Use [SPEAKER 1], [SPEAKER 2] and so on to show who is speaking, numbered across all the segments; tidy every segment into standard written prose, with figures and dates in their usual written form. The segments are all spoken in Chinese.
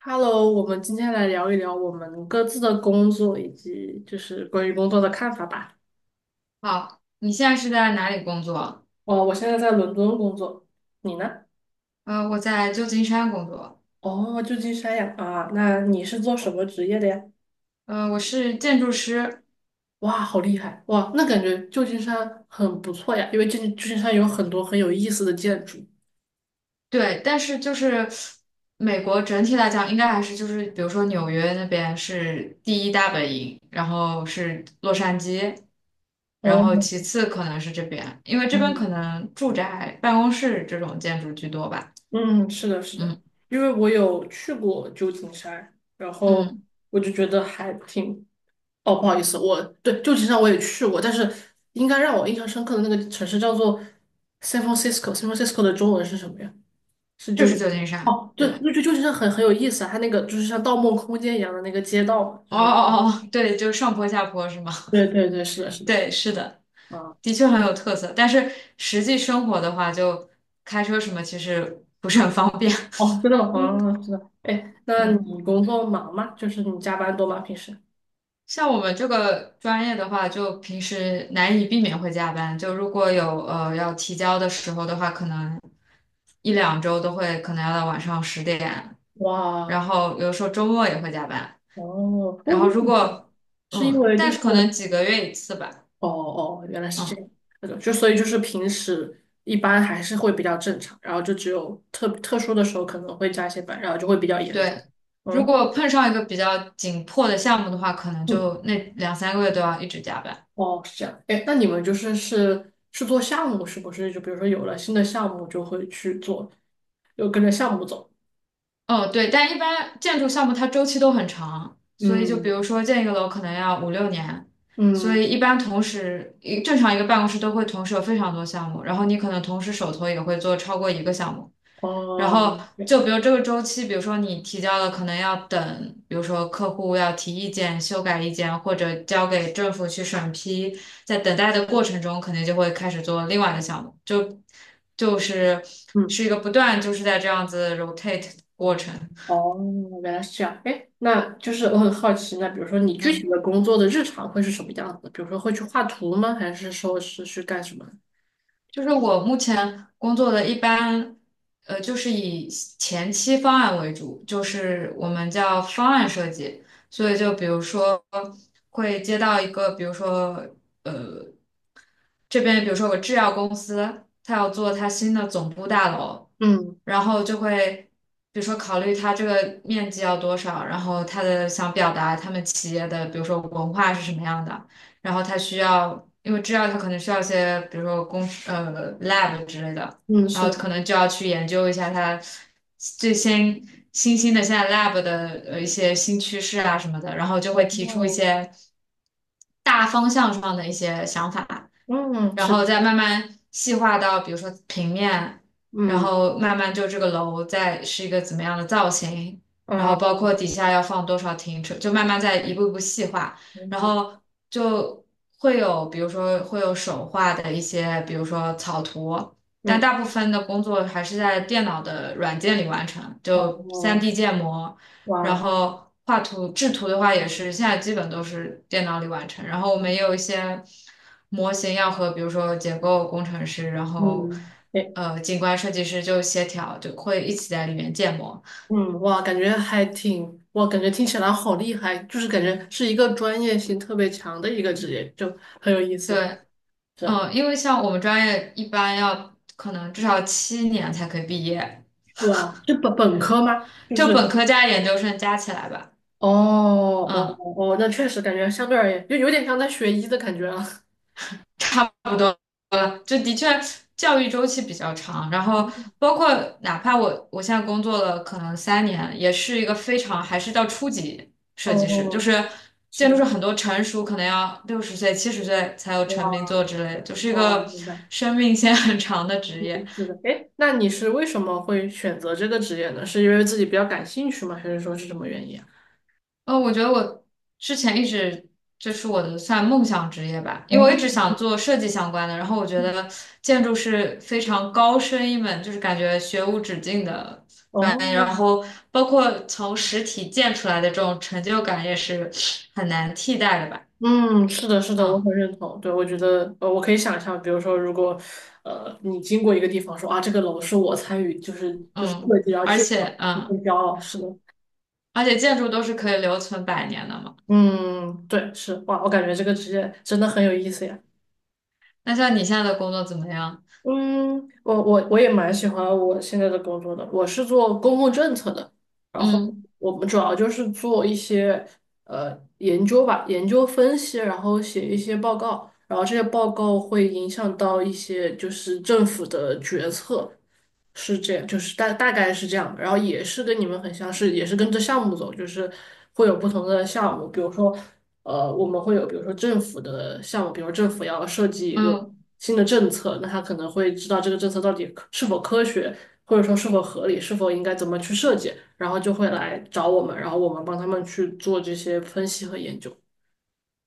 [SPEAKER 1] Hello，我们今天来聊一聊我们各自的工作以及就是关于工作的看法吧。
[SPEAKER 2] 好，你现在是在哪里工作？
[SPEAKER 1] 哦，我现在在伦敦工作，你呢？
[SPEAKER 2] 我在旧金山工作。
[SPEAKER 1] 哦，旧金山呀，啊，那你是做什么职业的呀？
[SPEAKER 2] 我是建筑师。
[SPEAKER 1] 哇，好厉害！哇，那感觉旧金山很不错呀，因为旧金山有很多很有意思的建筑。
[SPEAKER 2] 对，但是就是美国整体来讲，应该还是就是，比如说纽约那边是第一大本营，然后是洛杉矶，然
[SPEAKER 1] 哦，
[SPEAKER 2] 后其次可能是这边，因为这边
[SPEAKER 1] 嗯，
[SPEAKER 2] 可能住宅、办公室这种建筑居多吧。
[SPEAKER 1] 嗯，是的，是的，
[SPEAKER 2] 嗯
[SPEAKER 1] 因为我有去过旧金山，然后
[SPEAKER 2] 嗯，
[SPEAKER 1] 我就觉得还挺哦，不好意思，我对旧金山我也去过，但是应该让我印象深刻的那个城市叫做 San Francisco。San Francisco 的中文是什么呀？是
[SPEAKER 2] 就
[SPEAKER 1] 旧
[SPEAKER 2] 是
[SPEAKER 1] 金
[SPEAKER 2] 旧
[SPEAKER 1] 山吗。
[SPEAKER 2] 金山。
[SPEAKER 1] 哦，对，就
[SPEAKER 2] 对，
[SPEAKER 1] 就旧金山很有意思啊，它那个就是像《盗梦空间》一样的那个街道嘛，就
[SPEAKER 2] 哦
[SPEAKER 1] 是
[SPEAKER 2] 哦哦，对，就上坡下坡是吗？
[SPEAKER 1] 对对对，是的，是 的，
[SPEAKER 2] 对，是的。
[SPEAKER 1] 啊，
[SPEAKER 2] 的确很有特色，但是实际生活的话，就开车什么其实不方便。
[SPEAKER 1] 哦，真的 吗？
[SPEAKER 2] 嗯
[SPEAKER 1] 啊，是的，哎，那
[SPEAKER 2] 嗯，
[SPEAKER 1] 你工作忙吗？就是你加班多吗？平时？
[SPEAKER 2] 像我们这个专业的话，就平时难以避免会加班。就如果有要提交的时候的话，可能一两周都会可能要到晚上10点，然
[SPEAKER 1] 哇，
[SPEAKER 2] 后有时候周末也会加班。
[SPEAKER 1] 哦，为
[SPEAKER 2] 然后
[SPEAKER 1] 为什
[SPEAKER 2] 如
[SPEAKER 1] 么呀
[SPEAKER 2] 果
[SPEAKER 1] 是因
[SPEAKER 2] 嗯，
[SPEAKER 1] 为就
[SPEAKER 2] 但
[SPEAKER 1] 是
[SPEAKER 2] 是可能几个月一次吧。
[SPEAKER 1] 哦哦，原来是这
[SPEAKER 2] 嗯，
[SPEAKER 1] 样。那种就所以就是平时一般还是会比较正常，然后就只有特殊的时候可能会加一些班，然后就会比较严重。
[SPEAKER 2] 对。如
[SPEAKER 1] 嗯
[SPEAKER 2] 果碰上一个比较紧迫的项目的话，可能
[SPEAKER 1] 嗯，
[SPEAKER 2] 就那两三个月都要一直加班。
[SPEAKER 1] 哦，是这样。哎，那你们就是是做项目是不是？就比如说有了新的项目就会去做，就跟着项目走。
[SPEAKER 2] 哦，对，但一般建筑项目它周期都很长，所以就比
[SPEAKER 1] 嗯
[SPEAKER 2] 如说建一个楼可能要五六年，所以
[SPEAKER 1] 嗯，
[SPEAKER 2] 一般同时正常一个办公室都会同时有非常多项目，然后你可能同时手头也会做超过一个项目，然
[SPEAKER 1] 哦，
[SPEAKER 2] 后
[SPEAKER 1] 明白。
[SPEAKER 2] 就比如这个周期，比如说你提交了，可能要等，比如说客户要提意见、修改意见，或者交给政府去审批，在等待的过程中，肯定就会开始做另外的项目，就就是
[SPEAKER 1] 嗯。
[SPEAKER 2] 是一个不断就是在这样子 rotate 过程。
[SPEAKER 1] 哦，原来是这样。哎，那就是我很好奇，那比如说你具体
[SPEAKER 2] 嗯，
[SPEAKER 1] 的工作的日常会是什么样子的比如说会去画图吗？还是说是去干什么？
[SPEAKER 2] 就是我目前工作的一般，就是以前期方案为主，就是我们叫方案设计。所以就比如说会接到一个，比如说这边比如说有个制药公司，它要做它新的总部大楼，
[SPEAKER 1] 嗯
[SPEAKER 2] 然后就会比如说考虑它这个面积要多少，然后它的想表达他们企业的比如说文化是什么样的，然后它需要，因为制药它可能需要一些比如说lab 之类的，
[SPEAKER 1] 嗯，
[SPEAKER 2] 然
[SPEAKER 1] 是
[SPEAKER 2] 后
[SPEAKER 1] 的。
[SPEAKER 2] 可能就要去研究一下它最新新兴的现在 lab 的一些新趋势啊什么的，然后就会提出一
[SPEAKER 1] 哦，
[SPEAKER 2] 些大方向上的一些想法。
[SPEAKER 1] 嗯，
[SPEAKER 2] 然
[SPEAKER 1] 是的，
[SPEAKER 2] 后再慢慢细化到，比如说平面，然
[SPEAKER 1] 嗯
[SPEAKER 2] 后慢慢就这个楼再是一个怎么样的造型，然
[SPEAKER 1] 啊，
[SPEAKER 2] 后包括底下要放多少停车，就慢慢再一步一步细化，然
[SPEAKER 1] 嗯
[SPEAKER 2] 后就会有，比如说会有手画的一些，比如说草图，但
[SPEAKER 1] 嗯，
[SPEAKER 2] 大部分的工作还是在电脑的软件里完成，就
[SPEAKER 1] 哦，
[SPEAKER 2] 3D 建模。然
[SPEAKER 1] 哇，
[SPEAKER 2] 后画图制图的话也是现在基本都是电脑里完成。然后我们也有一些模型要和比如说结构工程师，然后
[SPEAKER 1] 嗯，哎，
[SPEAKER 2] 景观设计师就协调，就会一起在里面建模。
[SPEAKER 1] 嗯，哇，感觉还挺，哇，感觉听起来好厉害，就是感觉是一个专业性特别强的一个职业，就很有意思。
[SPEAKER 2] 对，
[SPEAKER 1] 是，
[SPEAKER 2] 嗯，因为像我们专业一般要可能至少7年才可以毕业，
[SPEAKER 1] 哇，是本科吗？就
[SPEAKER 2] 就
[SPEAKER 1] 是。
[SPEAKER 2] 本科加研究生加起来吧。
[SPEAKER 1] 哦哦
[SPEAKER 2] 嗯。
[SPEAKER 1] 哦，那确实感觉相对而言，就有点像在学医的感觉啊。
[SPEAKER 2] 差不多了，就的确教育周期比较长，然后 包括哪怕我现在工作了可能3年，也是一个非常还是叫初级设计师，就
[SPEAKER 1] 哦，
[SPEAKER 2] 是
[SPEAKER 1] 是
[SPEAKER 2] 建筑
[SPEAKER 1] 的，
[SPEAKER 2] 师很多成熟可能要60岁、70岁才有成名
[SPEAKER 1] 哇，
[SPEAKER 2] 作之类的，就是一
[SPEAKER 1] 哦，
[SPEAKER 2] 个
[SPEAKER 1] 明白，
[SPEAKER 2] 生命线很长的职业。
[SPEAKER 1] 嗯，是的。哎，那你是为什么会选择这个职业呢？是因为自己比较感兴趣吗？还是说是什么原因啊？
[SPEAKER 2] 我觉得我之前一直这是我的算梦想职业吧，因为我
[SPEAKER 1] 哦
[SPEAKER 2] 一直想做设计相关的。然后我觉得建筑是非常高深一门，就是感觉学无止境的专
[SPEAKER 1] 哦，
[SPEAKER 2] 业。然后包括从实体建出来的这种成就感也是很难替代的吧。
[SPEAKER 1] 嗯，是的，是的，我
[SPEAKER 2] 嗯
[SPEAKER 1] 很认同。对，我觉得，我可以想象，比如说，如果，你经过一个地方说啊，这个楼是我参与，就是
[SPEAKER 2] 嗯，
[SPEAKER 1] 设计，然后
[SPEAKER 2] 而
[SPEAKER 1] 建的，
[SPEAKER 2] 且
[SPEAKER 1] 我会
[SPEAKER 2] 嗯，
[SPEAKER 1] 很骄傲。是的，
[SPEAKER 2] 而且建筑都是可以留存百年的嘛。
[SPEAKER 1] 嗯，对，是，哇，我感觉这个职业真的很有意思呀。
[SPEAKER 2] 那像你现在的工作怎么样？
[SPEAKER 1] 嗯，我也蛮喜欢我现在的工作的，我是做公共政策的，然后
[SPEAKER 2] 嗯
[SPEAKER 1] 我们主要就是做一些研究吧，研究分析，然后写一些报告，然后这些报告会影响到一些就是政府的决策，是这样，就是大概是这样的，然后也是跟你们很像是，也是跟着项目走，就是会有不同的项目，比如说，我们会有比如说政府的项目，比如政府要设计一个
[SPEAKER 2] 嗯。
[SPEAKER 1] 新的政策，那他可能会知道这个政策到底可是否科学，或者说是否合理，是否应该怎么去设计，然后就会来找我们，然后我们帮他们去做这些分析和研究。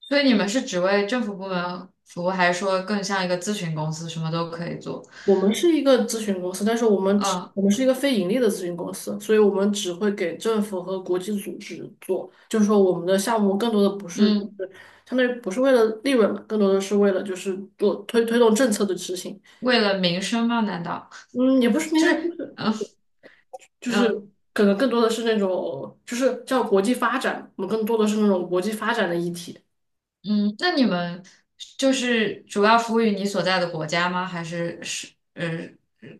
[SPEAKER 2] 所以你们是只为政府部门服务，还是说更像一个咨询公司，什么都可以做？
[SPEAKER 1] 我们是一个咨询公司，但是
[SPEAKER 2] 嗯
[SPEAKER 1] 我们是一个非盈利的咨询公司，所以我们只会给政府和国际组织做。就是说，我们的项目更多的不是就
[SPEAKER 2] 嗯，
[SPEAKER 1] 是相当于不是为了利润嘛，更多的是为了就是做推动政策的执行。
[SPEAKER 2] 为了民生吗？难道
[SPEAKER 1] 嗯，也不是，应
[SPEAKER 2] 就
[SPEAKER 1] 该就
[SPEAKER 2] 是
[SPEAKER 1] 是就是
[SPEAKER 2] 嗯
[SPEAKER 1] 可能更多的是那种就是叫国际发展，我们更多的是那种国际发展的议题。
[SPEAKER 2] 嗯？那你们就是主要服务于你所在的国家吗？还是是呃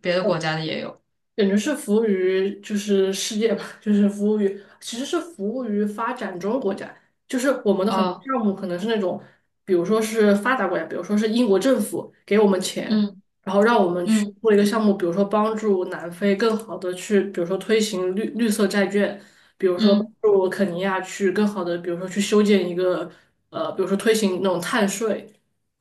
[SPEAKER 2] 别的国家的也有？
[SPEAKER 1] 感觉是服务于就是世界吧，就是服务于其实是服务于发展中国家，就是我们的很多
[SPEAKER 2] 哦，
[SPEAKER 1] 项目可能是那种，比如说是发达国家，比如说是英国政府给我们钱，
[SPEAKER 2] 嗯
[SPEAKER 1] 然后让我们去
[SPEAKER 2] 嗯
[SPEAKER 1] 做一个项目，比如说帮助南非更好的去，比如说推行绿色债券，比如说帮
[SPEAKER 2] 嗯
[SPEAKER 1] 助肯尼亚去更好的，比如说去修建一个比如说推行那种碳税。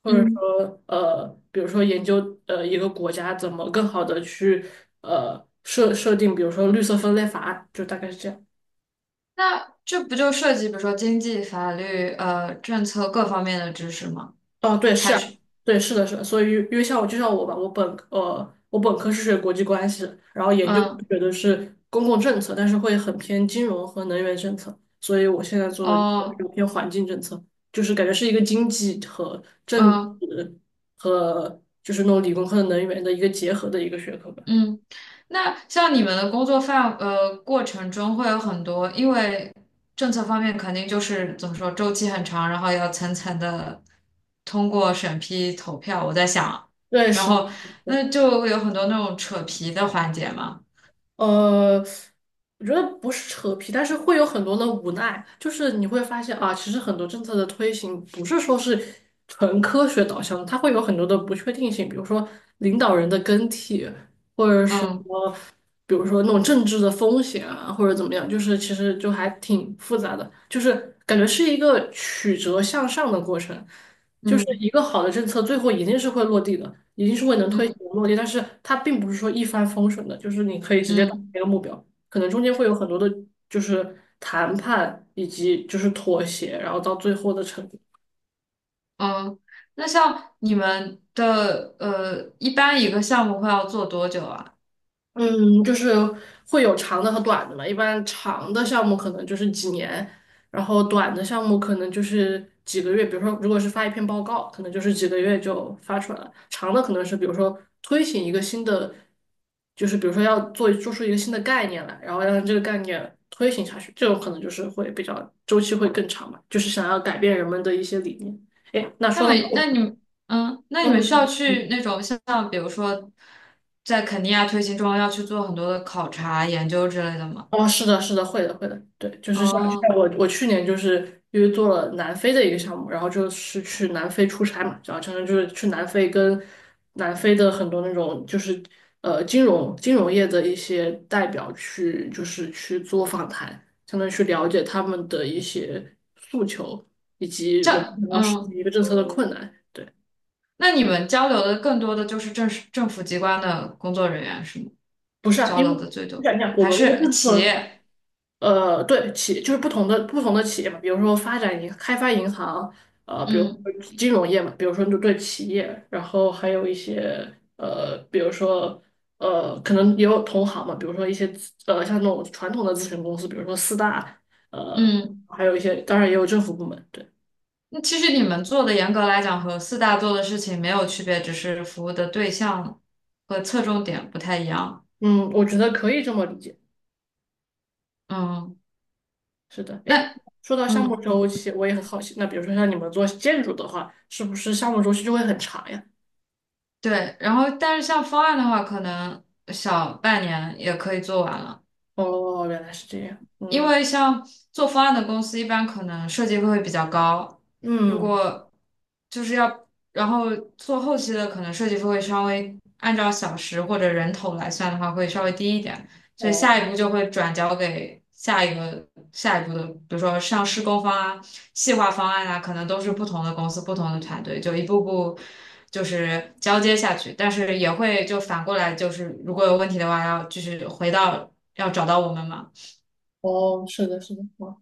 [SPEAKER 2] 嗯，
[SPEAKER 1] 比如说研究一个国家怎么更好的去设定，比如说绿色分类法案，就大概是这样。
[SPEAKER 2] 那这不就涉及比如说经济、法律、政策各方面的知识吗？
[SPEAKER 1] 哦，对，是
[SPEAKER 2] 还
[SPEAKER 1] 啊，
[SPEAKER 2] 是
[SPEAKER 1] 对，是的，是的。所以因为像我吧，我本科是学国际关系的，然后
[SPEAKER 2] 嗯
[SPEAKER 1] 学的是公共政策，但是会很偏金融和能源政策，所以我现在做的就
[SPEAKER 2] 哦
[SPEAKER 1] 是偏环境政策，就是感觉是一个经济和政治
[SPEAKER 2] 嗯。
[SPEAKER 1] 和就是那种理工科的能源的一个结合的一个学科吧。
[SPEAKER 2] 嗯，那像你们的工作过程中会有很多，因为政策方面肯定就是怎么说周期很长，然后要层层的通过审批投票。我在想，
[SPEAKER 1] 对，
[SPEAKER 2] 然
[SPEAKER 1] 是。
[SPEAKER 2] 后那就会有很多那种扯皮的环节嘛。
[SPEAKER 1] 呃，我觉得不是扯皮，但是会有很多的无奈，就是你会发现啊，其实很多政策的推行不是说是纯科学导向的，它会有很多的不确定性，比如说领导人的更替，或者说。
[SPEAKER 2] 嗯
[SPEAKER 1] 比如说那种政治的风险啊，或者怎么样，就是其实就还挺复杂的，就是感觉是一个曲折向上的过程，就是
[SPEAKER 2] 嗯
[SPEAKER 1] 一个好的政策最后一定是会落地的，一定是会能推行
[SPEAKER 2] 嗯
[SPEAKER 1] 的落地，但是它并不是说一帆风顺的，就是你可以直接达到
[SPEAKER 2] 嗯
[SPEAKER 1] 一个目标，可能中间会有很多的，就是谈判以及就是妥协，然后到最后的成。
[SPEAKER 2] 嗯，那像你们的一般一个项目会要做多久啊？
[SPEAKER 1] 嗯，就是会有长的和短的嘛。一般长的项目可能就是几年，然后短的项目可能就是几个月。比如说，如果是发一篇报告，可能就是几个月就发出来了。长的可能是比如说推行一个新的，就是比如说要做出一个新的概念来，然后让这个概念推行下去，这种可能就是会比较周期会更长嘛，就是想要改变人们的一些理念。哎，那
[SPEAKER 2] 那么，那你们，嗯，那你
[SPEAKER 1] 说到
[SPEAKER 2] 们需
[SPEAKER 1] 这
[SPEAKER 2] 要
[SPEAKER 1] 个。
[SPEAKER 2] 去
[SPEAKER 1] 嗯
[SPEAKER 2] 那种像，比如说，在肯尼亚推行中要去做很多的考察研究之类的吗？
[SPEAKER 1] 哦，是的，是的，会的，会的，对，就是像就
[SPEAKER 2] 哦，
[SPEAKER 1] 像我去年就是因为做了南非的一个项目，然后就是去南非出差嘛，然后相当于就是去南非跟南非的很多那种就是金融业的一些代表去就是去做访谈，相当于去了解他们的一些诉求以及我们可
[SPEAKER 2] 这，
[SPEAKER 1] 能要实施
[SPEAKER 2] 嗯，
[SPEAKER 1] 一个政策的困难。对，
[SPEAKER 2] 那你们交流的更多的就是政府机关的工作人员是吗？
[SPEAKER 1] 不是啊，
[SPEAKER 2] 交
[SPEAKER 1] 因
[SPEAKER 2] 流
[SPEAKER 1] 为
[SPEAKER 2] 的最
[SPEAKER 1] 你
[SPEAKER 2] 多，
[SPEAKER 1] 想一想，我
[SPEAKER 2] 还
[SPEAKER 1] 们那个
[SPEAKER 2] 是
[SPEAKER 1] 政
[SPEAKER 2] 企
[SPEAKER 1] 策。
[SPEAKER 2] 业？
[SPEAKER 1] 对，就是不同的企业嘛，比如说发展银、开发银行，比如说
[SPEAKER 2] 嗯
[SPEAKER 1] 金融业嘛，比如说就对企业，然后还有一些比如说可能也有同行嘛，比如说一些，像那种传统的咨询公司，比如说四大，呃，
[SPEAKER 2] 嗯，
[SPEAKER 1] 还有一些，当然也有政府部门，对，
[SPEAKER 2] 那其实你们做的严格来讲和四大做的事情没有区别，只是服务的对象和侧重点不太一样。
[SPEAKER 1] 嗯，我觉得可以这么理解，
[SPEAKER 2] 嗯，
[SPEAKER 1] 是的，诶，
[SPEAKER 2] 那。
[SPEAKER 1] 说到项目
[SPEAKER 2] 嗯。
[SPEAKER 1] 周期，我也很好奇，那比如说像你们做建筑的话，是不是项目周期就会很长呀？
[SPEAKER 2] 对，然后但是像方案的话，可能小半年也可以做完了。
[SPEAKER 1] 哦，原来是这样，
[SPEAKER 2] 因
[SPEAKER 1] 嗯。
[SPEAKER 2] 为像做方案的公司，一般可能设计费会比较高，如
[SPEAKER 1] 嗯，
[SPEAKER 2] 果就是要，然后做后期的，可能设计费会稍微按照小时或者人头来算的话，会稍微低一点，所以
[SPEAKER 1] 哦
[SPEAKER 2] 下一步就会转交给下一个下一步的，比如说像施工方啊、细化方案啊，可能都是不同的公司、不同的团队，就一步步就是交接下去，但是也会就反过来，就是如果有问题的话，要就是回到要找到我们嘛。
[SPEAKER 1] 哦，是的，是的，哦，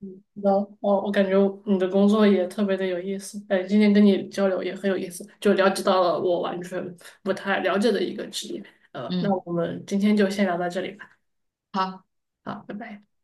[SPEAKER 1] 嗯，那道了哦，我感觉你的工作也特别的有意思，哎，今天跟你交流也很有意思，就了解到了我完全不太了解的一个职业，那
[SPEAKER 2] 嗯。
[SPEAKER 1] 我们今天就先聊到这里吧，
[SPEAKER 2] 好
[SPEAKER 1] 好，拜拜。